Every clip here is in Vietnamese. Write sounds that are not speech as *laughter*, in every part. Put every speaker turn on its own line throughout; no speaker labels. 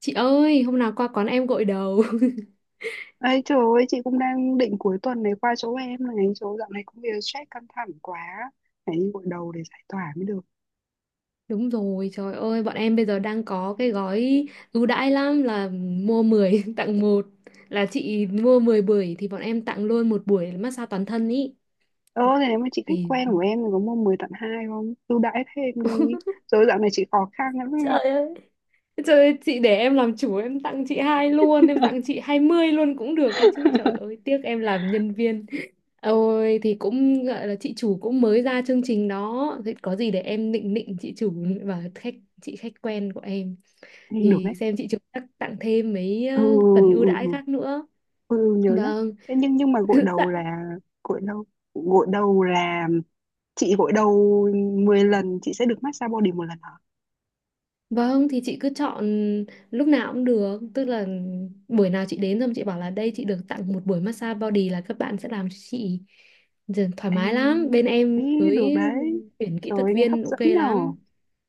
Chị ơi, hôm nào qua quán em gội đầu. *laughs*
Ấy trời ơi, chị cũng đang định cuối tuần này qua chỗ em này, chỗ dạo này công việc stress căng thẳng quá, phải đi gội đầu để giải tỏa mới được.
Đúng rồi, trời ơi, bọn em bây giờ đang có cái gói ưu đãi lắm là mua 10 *laughs* tặng một. Là chị mua 10 buổi thì bọn em tặng luôn một buổi massage toàn thân ý.
Ờ, thế nếu mà chị khách
Thì
quen của em thì có mua 10 tặng 2 không? Ưu đãi thêm đi,
*laughs*
rồi dạo này chị khó khăn lắm em
Trời
ạ.
ơi. Trời ơi, chị để em làm chủ em tặng chị hai luôn, em tặng chị 20 luôn cũng được đấy chứ. Trời ơi,
*laughs*
tiếc em làm nhân viên. Ôi thì cũng gọi là chị chủ cũng mới ra chương trình đó, thì có gì để em nịnh nịnh chị chủ và khách chị khách quen của em.
Thì được
Thì
đấy.
xem chị Trúc chắc tặng thêm mấy
Ừ,
phần ưu
ừ,
đãi
ừ,
khác nữa.
ừ, nhớ nhá.
Vâng.
Thế nhưng mà
*laughs* Dạ
gội đầu, gội đầu là, chị gội đầu 10 lần chị sẽ được massage body một lần hả?
vâng, thì chị cứ chọn lúc nào cũng được, tức là buổi nào chị đến xong chị bảo là đây chị được tặng một buổi massage body là các bạn sẽ làm cho chị. Giờ thoải
Ê,
mái lắm, bên em
ý, được
mới
đấy.
tuyển kỹ
Trời
thuật
ơi, nghe hấp
viên
dẫn
ok
nhở.
lắm.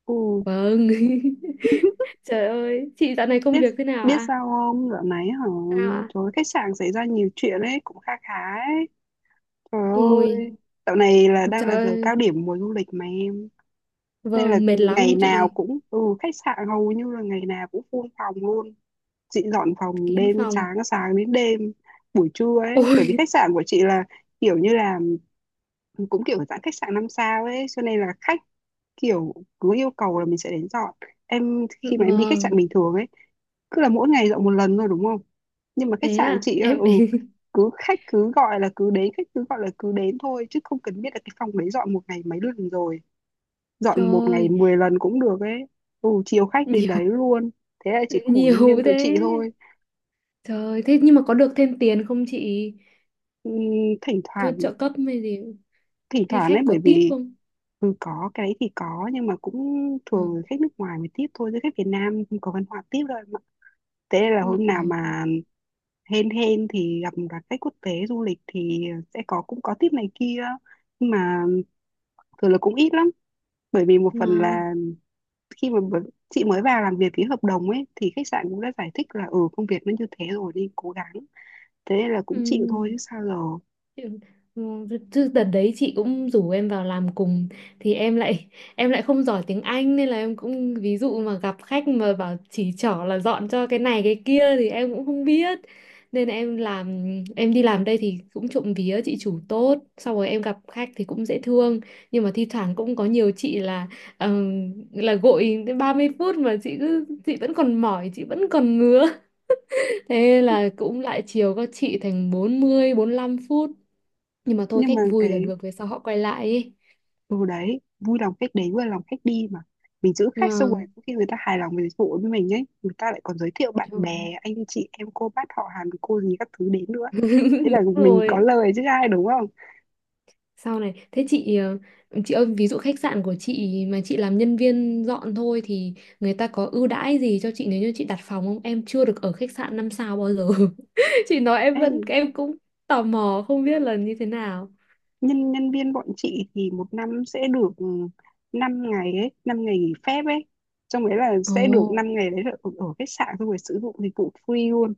Ừ.
Vâng. *laughs* Trời ơi, chị dạo này công
Biết,
việc thế nào
biết
ạ?
sao không dạo này hả?
Sao ạ?
Trời ơi, khách sạn xảy ra nhiều chuyện ấy cũng kha khá ấy, trời
Ôi
ơi. Dạo này là đang
trời
là giờ
ơi.
cao điểm mùa du lịch mà em, nên là
Vâng, mệt lắm
ngày
không
nào
chị?
cũng, ừ, khách sạn hầu như là ngày nào cũng full phòng luôn. Chị dọn phòng
Kín
đêm đến
phòng.
sáng, sáng đến đêm, buổi trưa ấy, bởi vì
Ôi.
khách sạn của chị là kiểu như là cũng kiểu dạng khách sạn năm sao ấy, cho nên là khách kiểu cứ yêu cầu là mình sẽ đến dọn. Em khi
*laughs*
mà em đi khách sạn bình
Vâng,
thường ấy, cứ là mỗi ngày dọn một lần thôi đúng không? Nhưng mà khách
thế
sạn
à
chị á,
em.
ừ,
*laughs*
cứ khách cứ gọi là cứ đến, khách cứ gọi là cứ đến thôi, chứ không cần biết là cái phòng đấy dọn một ngày mấy lần rồi.
Trời
Dọn một ngày
ơi,
10 lần cũng được ấy. Ừ, chiều khách đến
nhiều.
đấy luôn. Thế là chỉ khổ nhân viên
Nhiều
tụi chị
thế.
thôi.
Trời ơi, thế nhưng mà có được thêm tiền không chị?
Ừm, Thỉnh
Có
thoảng,
trợ cấp hay gì?
thỉnh
Hay
thoảng
khách
ấy,
có
bởi
tip
vì,
không?
ừ, có cái đấy thì có, nhưng mà cũng thường là
Ừ.
khách nước ngoài mới tiếp thôi, chứ khách Việt Nam không có văn hóa tiếp đâu em ạ. Thế nên là hôm nào
Ừ.
mà hên hên thì gặp các khách quốc tế du lịch thì sẽ có, cũng có tiếp này kia, nhưng mà thường là cũng ít lắm. Bởi vì một phần
Ngon.
là khi mà chị mới vào làm việc ký hợp đồng ấy, thì khách sạn cũng đã giải thích là, ừ, công việc nó như thế rồi đi cố gắng. Thế nên là
Ừ.
cũng chịu thôi chứ sao giờ.
Ừ, chứ đợt đấy chị cũng rủ em vào làm cùng thì em lại không giỏi tiếng Anh nên là em cũng ví dụ mà gặp khách mà bảo chỉ trỏ là dọn cho cái này cái kia thì em cũng không biết. Nên là em làm, em đi làm đây thì cũng trộm vía chị chủ tốt, sau rồi em gặp khách thì cũng dễ thương. Nhưng mà thi thoảng cũng có nhiều chị là gội đến 30 phút mà chị cứ chị vẫn còn mỏi, chị vẫn còn ngứa. *laughs* Thế là cũng lại chiều các chị thành 40 lăm phút. Nhưng mà thôi,
Nhưng
khách
mà
vui là
cái,
được, về sau họ quay lại ấy.
ừ đấy, vui lòng khách đến, vui lòng khách đi mà. Mình giữ
Nhưng
khách xong rồi
mà
có khi người ta hài lòng với dịch vụ với mình ấy, người ta lại còn giới thiệu bạn
trời.
bè, anh chị em, cô bác họ hàng, cô gì các thứ đến nữa. Thế
Đúng
là mình
rồi,
có lời chứ ai đúng không?
sau này thế chị chị ơi, ví dụ khách sạn của chị mà chị làm nhân viên dọn thôi thì người ta có ưu đãi gì cho chị nếu như chị đặt phòng không? Em chưa được ở khách sạn năm sao bao giờ. *laughs* Chị nói em
Ê,
vẫn, em cũng tò mò không biết là như thế nào.
nhân nhân viên bọn chị thì một năm sẽ được, ừ, 5 ngày ấy, 5 ngày nghỉ phép ấy. Trong đấy là sẽ được
Ồ.
5 ngày đấy là ở, ở khách sạn xong rồi sử dụng dịch vụ free luôn.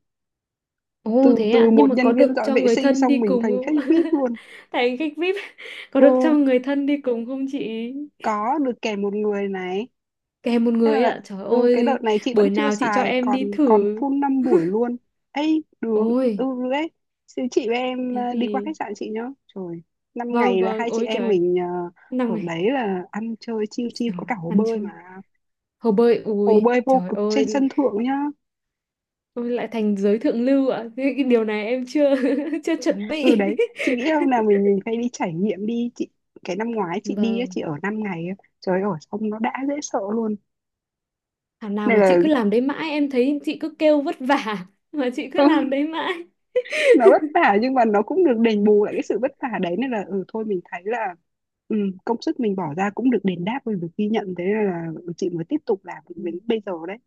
Ồ
Từ
thế
từ
ạ, nhưng
một
mà
nhân
có
viên
được
dọn
cho
vệ
người
sinh
thân
xong
đi
mình
cùng
thành khách
không?
VIP
*laughs*
luôn.
Thành khách VIP, có được cho
Ừ,
người thân đi cùng không chị?
có được kèm một người này.
Kèm một
Thế
người
là,
ạ. Trời
ừ, cái đợt
ơi,
này chị vẫn
buổi
chưa
nào chị cho
xài,
em
còn
đi
còn
thử.
full 5 buổi luôn. Ấy được, ừ
Ôi,
được ấy. Chị với em,
thế
đi qua
thì
khách sạn chị nhá. Trời, 5
vâng
ngày là
vâng,
hai chị
ôi
em
trời,
mình,
năm
ờ, ở
này.
đấy là ăn chơi chiêu chiêu,
Rồi,
có cả hồ
ăn
bơi
chui.
mà.
Hồ bơi
Hồ
ui,
bơi vô
trời
cực trên
ơi,
sân thượng nhá.
ôi lại thành giới thượng lưu ạ. Cái điều này em chưa *laughs* chưa chuẩn
Ừ
bị.
đấy, chị nghĩ hôm nào mình phải đi trải nghiệm đi chị. Cái năm ngoái chị đi á,
Vâng,
chị ở 5 ngày á. Trời ơi, xong nó đã dễ sợ luôn.
thảo nào
Này
mà
là
chị cứ làm đấy mãi, em thấy chị cứ kêu vất vả mà chị cứ làm
*laughs*
đấy mãi.
nó vất vả nhưng mà nó cũng được đền bù lại cái sự vất vả đấy, nên là ừ thôi mình thấy là, ừ, công sức mình bỏ ra cũng được đền đáp và được ghi nhận, thế nên là, ừ, chị mới tiếp tục làm được đến bây giờ đấy.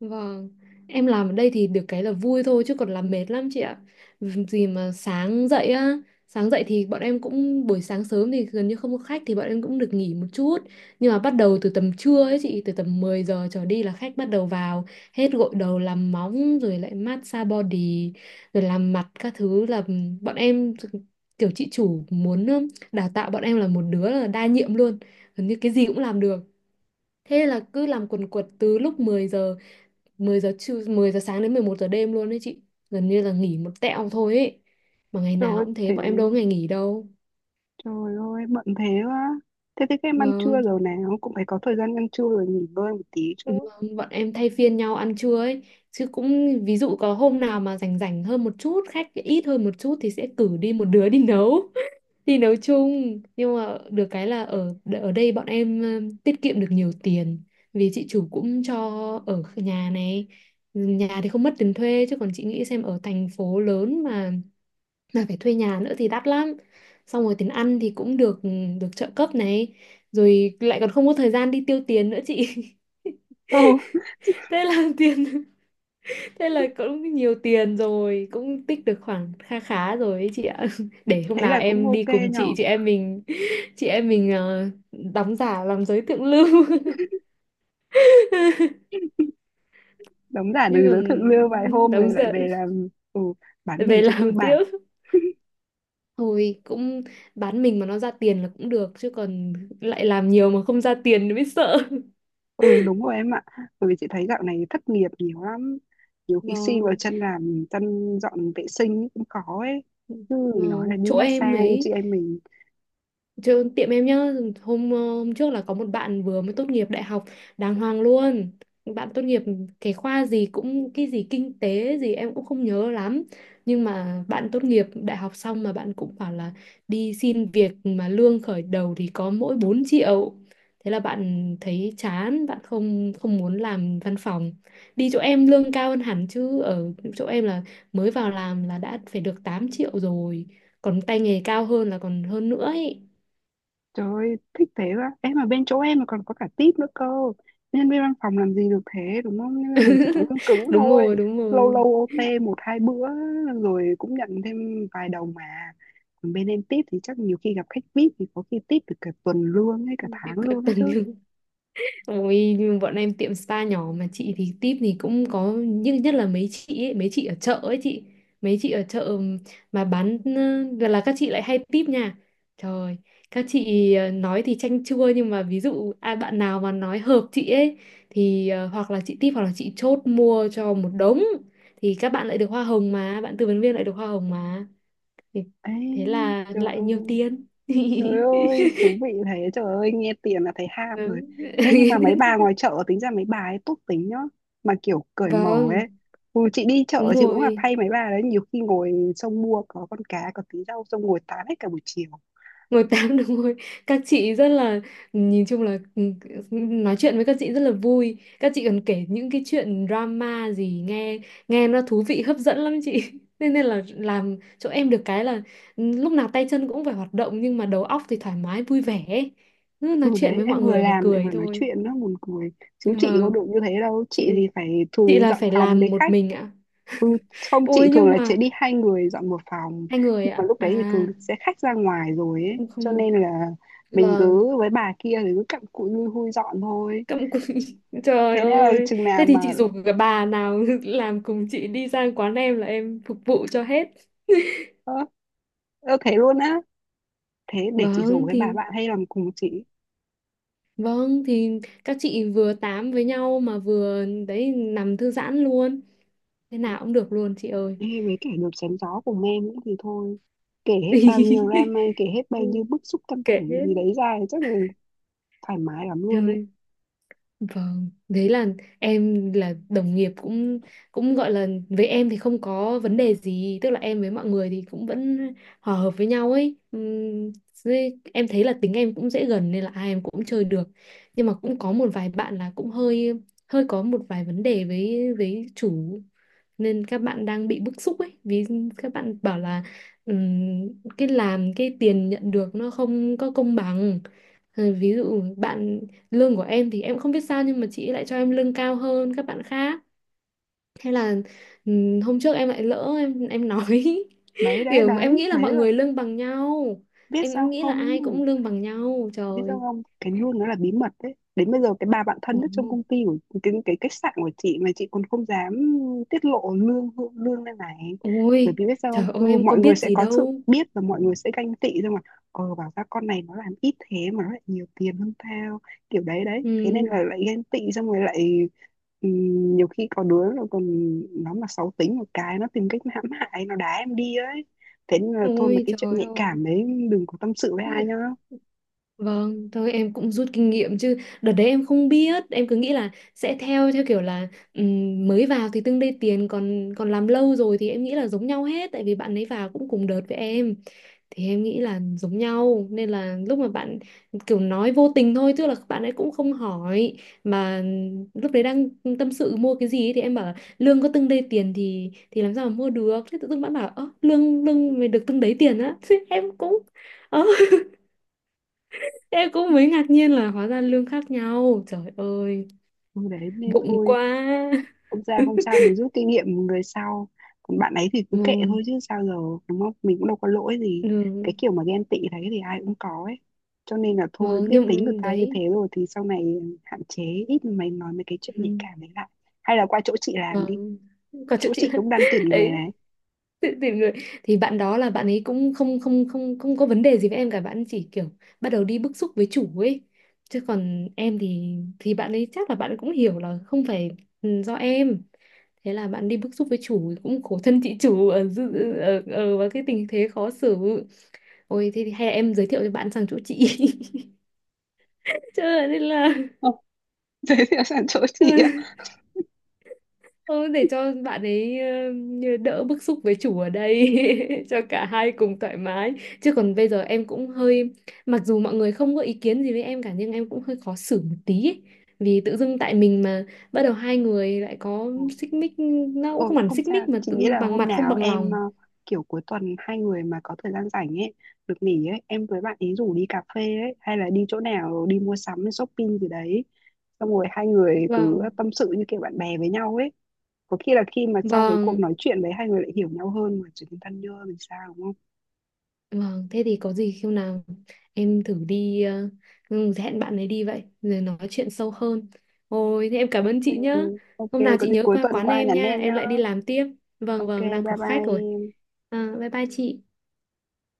Vâng, em làm ở đây thì được cái là vui thôi chứ còn làm mệt lắm chị ạ. Gì mà sáng dậy á, sáng dậy thì bọn em cũng buổi sáng sớm thì gần như không có khách thì bọn em cũng được nghỉ một chút. Nhưng mà bắt đầu từ tầm trưa ấy chị, từ tầm 10 giờ trở đi là khách bắt đầu vào, hết gội đầu làm móng rồi lại massage body rồi làm mặt các thứ là bọn em kiểu chị chủ muốn đào tạo bọn em là một đứa là đa nhiệm luôn, gần như cái gì cũng làm được. Thế là cứ làm quần quật từ lúc 10 giờ trưa 10 giờ sáng đến 11 giờ đêm luôn đấy chị, gần như là nghỉ một tẹo thôi ấy, mà ngày
Trời ơi
nào cũng thế,
thế,
bọn em đâu có ngày nghỉ đâu.
trời ơi bận thế quá. Thế thì các em ăn trưa
Vâng
rồi, nào cũng phải có thời gian ăn trưa rồi nghỉ ngơi một tí chứ.
vâng, bọn em thay phiên nhau ăn trưa ấy, chứ cũng ví dụ có hôm nào mà rảnh rảnh hơn một chút khách ít hơn một chút thì sẽ cử đi một đứa đi nấu. *laughs* Đi nấu chung, nhưng mà được cái là ở ở đây bọn em tiết kiệm được nhiều tiền. Vì chị chủ cũng cho ở nhà này, nhà thì không mất tiền thuê, chứ còn chị nghĩ xem ở thành phố lớn mà phải thuê nhà nữa thì đắt lắm. Xong rồi tiền ăn thì cũng được, được trợ cấp này, rồi lại còn không có thời gian đi tiêu tiền nữa chị. *laughs*
Ừ,
thế là tiền thế là cũng nhiều tiền rồi, cũng tích được khoảng kha khá rồi ấy chị ạ. *laughs* Để hôm
thế
nào
là cũng
em
ok
đi cùng chị
nhỏ.
chị em mình, chị em mình đóng giả làm giới thượng lưu. *laughs*
Đóng giả từ
Nhưng
giới thượng lưu vài
còn
hôm
đóng
rồi lại
giả
về làm, ừ, bán mình
về
cho tư
làm
bản.
tiếp, thôi cũng bán mình mà nó ra tiền là cũng được chứ, còn lại làm nhiều mà không ra tiền thì mới sợ.
Ừ đúng rồi em ạ. Bởi vì chị thấy dạo này thất nghiệp nhiều lắm. Nhiều khi xin vào
Vâng,
chân làm, chân dọn vệ sinh cũng khó ấy. Cứ nói là
vâng,
đi
chỗ em
massage chị
ấy,
em mình.
chứ tiệm em nhá, hôm hôm trước là có một bạn vừa mới tốt nghiệp đại học đàng hoàng luôn. Bạn tốt nghiệp cái khoa gì cũng cái gì kinh tế gì em cũng không nhớ lắm. Nhưng mà bạn tốt nghiệp đại học xong mà bạn cũng bảo là đi xin việc mà lương khởi đầu thì có mỗi 4 triệu. Thế là bạn thấy chán, bạn không không muốn làm văn phòng. Đi chỗ em lương cao hơn hẳn chứ, ở chỗ em là mới vào làm là đã phải được 8 triệu rồi. Còn tay nghề cao hơn là còn hơn nữa ấy.
Trời ơi thích thế quá. Em mà bên chỗ em mà còn có cả tip nữa cơ. Nhân viên văn phòng làm gì được thế đúng không? Nhân viên văn phòng chỉ có
*laughs*
lương cứng
Đúng
thôi.
rồi đúng
Lâu lâu
rồi.
OT một hai bữa, rồi cũng nhận thêm vài đồng mà. Còn bên em tip thì chắc nhiều khi gặp khách VIP thì có khi tip được cả tuần lương hay cả
*laughs* Tiếp
tháng
cận
lương ấy
tầng
chứ.
lưng. Ôi nhưng bọn em tiệm spa nhỏ mà chị thì tip thì cũng có nhưng nhất là mấy chị ấy, mấy chị ở chợ ấy chị, mấy chị ở chợ mà bán là các chị lại hay tip nha. Trời, các chị nói thì chanh chua nhưng mà ví dụ ai bạn nào mà nói hợp chị ấy thì hoặc là chị tip hoặc là chị chốt mua cho một đống, thì các bạn lại được hoa hồng mà bạn tư vấn viên lại được hoa hồng mà. Thì
Ê
thế là
trời
lại nhiều
ơi.
tiền.
Trời
*laughs*
ơi, thú vị thế, trời ơi, nghe tiền là thấy ham rồi.
Vâng.
Thế nhưng mà mấy bà
*laughs*
ngoài chợ tính ra mấy bà ấy tốt tính nhá, mà kiểu cởi mở ấy.
Vâng,
Ừ, chị đi chợ
đúng
chị cũng gặp
rồi.
hay mấy bà đấy, nhiều khi ngồi xong mua có con cá, có tí rau, xong ngồi tán hết cả buổi chiều.
Ngồi tám đúng rồi. Các chị rất là, nhìn chung là ừ, nói chuyện với các chị rất là vui. Các chị còn kể những cái chuyện drama gì nghe, nghe nó thú vị hấp dẫn lắm chị. *laughs* Nên nên là làm chỗ em được cái là ừ, lúc nào tay chân cũng phải hoạt động nhưng mà đầu óc thì thoải mái vui vẻ ấy. Cứ nói
Ừ
chuyện
đấy,
với
em
mọi
vừa
người là
làm lại
cười
vừa nói
thôi.
chuyện nữa, buồn cười. Chứ chị có
Vâng,
được như thế đâu,
chị
chị thì phải chú
chị là
dọn
phải
phòng
làm
với
một
khách.
mình ạ.
Ừ, không chị
Ôi
thường
nhưng
là chị
mà
đi hai người dọn một phòng,
hai người
nhưng mà
ạ.
lúc
À
đấy thì thường sẽ khách ra ngoài rồi ấy,
cũng
cho
không.
nên là mình
Vâng.
cứ với bà kia thì cứ cặm cụi lui hui dọn thôi.
Cặm cụi. *laughs* Trời
Thế nên là
ơi.
chừng nào
Thế thì
mà,
chị rủ cái bà nào *laughs* làm cùng chị đi sang quán em là em phục vụ cho hết.
ơ, ơ thế luôn á? Thế để chị rủ
Vâng
với
thì
bà bạn hay làm cùng chị,
vâng thì các chị vừa tám với nhau mà vừa đấy nằm thư giãn luôn. Thế nào cũng được luôn chị ơi.
hay với kẻ được chém gió cùng em nữa thì thôi, kể hết bao nhiêu
*laughs*
drama, kể hết bao nhiêu bức xúc căng
Kệ
thẳng gì
hết.
đấy ra thì chắc là thoải mái lắm luôn ấy.
Trời. Vâng, đấy là em là đồng nghiệp cũng, cũng gọi là với em thì không có vấn đề gì, tức là em với mọi người thì cũng vẫn hòa hợp với nhau ấy. Với- em thấy là tính em cũng dễ gần nên là ai em cũng chơi được. Nhưng mà cũng có một vài bạn là cũng hơi, hơi có một vài vấn đề với chủ nên các bạn đang bị bức xúc ấy, vì các bạn bảo là ừm, cái làm cái tiền nhận được nó không có công bằng. Ờ, ví dụ bạn, lương của em thì em không biết sao nhưng mà chị ấy lại cho em lương cao hơn các bạn khác. Thế là hôm trước em lại lỡ em nói. *laughs*
đấy đấy
Kiểu em
đấy
nghĩ là
đấy
mọi
là
người lương bằng nhau,
biết sao
em nghĩ là
không,
ai cũng lương bằng nhau.
biết sao
Trời.
không, cái luôn nó là bí mật đấy. Đến bây giờ cái bà bạn
Ừ.
thân nhất trong công ty của cái khách sạn của chị mà chị còn không dám tiết lộ lương, lên này, bởi
Ôi
vì biết sao không,
trời ơi,
ừ,
em có
mọi người
biết
sẽ
gì
có sự
đâu.
biết và mọi người sẽ ganh tị thôi mà. Ờ bảo ra con này nó làm ít thế mà nó lại nhiều tiền hơn tao, kiểu đấy đấy. Thế nên
Ừ.
là lại ganh tị xong rồi lại, ừ, nhiều khi có đứa nó còn, nó mà xấu tính một cái nó tìm cách hãm hại, nó đá em đi ấy. Thế nên là thôi, mà
Ôi
cái chuyện
trời
nhạy
ơi.
cảm đấy đừng có tâm sự với ai nhá.
Vâng, thôi em cũng rút kinh nghiệm, chứ đợt đấy em không biết, em cứ nghĩ là sẽ theo theo kiểu là mới vào thì tương đây tiền còn, còn làm lâu rồi thì em nghĩ là giống nhau hết tại vì bạn ấy vào cũng cùng đợt với em. Thì em nghĩ là giống nhau nên là lúc mà bạn kiểu nói vô tình thôi, tức là bạn ấy cũng không hỏi mà lúc đấy đang tâm sự mua cái gì ấy, thì em bảo là lương có từng đây tiền thì làm sao mà mua được, thế tự dưng bạn bảo ơ lương lương mày được từng đấy tiền á. *laughs* Thế em cũng ờ, em cũng mới ngạc nhiên là hóa ra lương khác nhau. Trời ơi,
Ừ, đấy nên
vụng
thôi,
quá.
không ra không
*laughs*
sao, mình rút kinh nghiệm người sau. Còn bạn ấy thì cứ kệ
Vâng,
thôi chứ sao giờ, đúng không, mình cũng đâu có lỗi gì. Cái
vâng,
kiểu mà ghen tị đấy thì ai cũng có ấy, cho nên là thôi
vâng,
biết tính người
nhưng
ta như thế
đấy.
rồi thì sau này hạn chế ít mày nói mấy cái chuyện nhạy
Ừ.
cảm đấy lại. Hay là qua chỗ chị làm đi,
Vâng. Còn chuyện
chỗ
chị
chị
là.
cũng
*laughs*
đang tuyển người
Đấy,
này.
tự tìm người thì bạn đó là bạn ấy cũng không không không không có vấn đề gì với em cả, bạn chỉ kiểu bắt đầu đi bức xúc với chủ ấy. Chứ còn em thì bạn ấy chắc là bạn cũng hiểu là không phải ừ, do em. Thế là bạn đi bức xúc với chủ cũng khổ thân chị chủ ở ở, ở vào cái tình thế khó xử. Ôi thế thì hay là em giới thiệu cho bạn sang chỗ chị. *laughs* Nên là.
Ồ, *laughs* thế thì sẵn chỗ chị.
*laughs* Thôi để cho bạn ấy ờ, đỡ bức xúc với chủ ở đây. *laughs* Cho cả hai cùng thoải mái, chứ còn bây giờ em cũng hơi, mặc dù mọi người không có ý kiến gì với em cả nhưng em cũng hơi khó xử một tí ấy. Vì tự dưng tại mình mà bắt đầu hai người lại có
Ờ,
xích mích, nó cũng không
thôi
hẳn
không
xích
sao,
mích mà
chị nghĩ
tự,
là
bằng
hôm
mặt không
nào
bằng
em, ờ,
lòng.
kiểu cuối tuần hai người mà có thời gian rảnh ấy, được nghỉ ấy, em với bạn ý rủ đi cà phê ấy, hay là đi chỗ nào đi mua sắm, shopping gì đấy. Xong rồi hai người cứ
Vâng
tâm sự như kiểu bạn bè với nhau ấy. Có khi là khi mà sau cái cuộc
vâng.
nói chuyện đấy hai người lại hiểu nhau hơn mà trở thành thân nhau thì sao đúng không?
Vâng, thế thì có gì khi nào em thử đi ừ, hẹn bạn ấy đi vậy rồi nói chuyện sâu hơn. Ôi, thế em cảm ơn
Ừ,
chị nhá.
ok,
Hôm nào
có
chị
gì
nhớ
cuối
qua
tuần
quán
qua
em
nhắn
nha,
em
em
nhá.
lại đi làm tiếp. Vâng
Ok,
vâng, đang
bye
có khách rồi.
bye.
À, bye bye chị.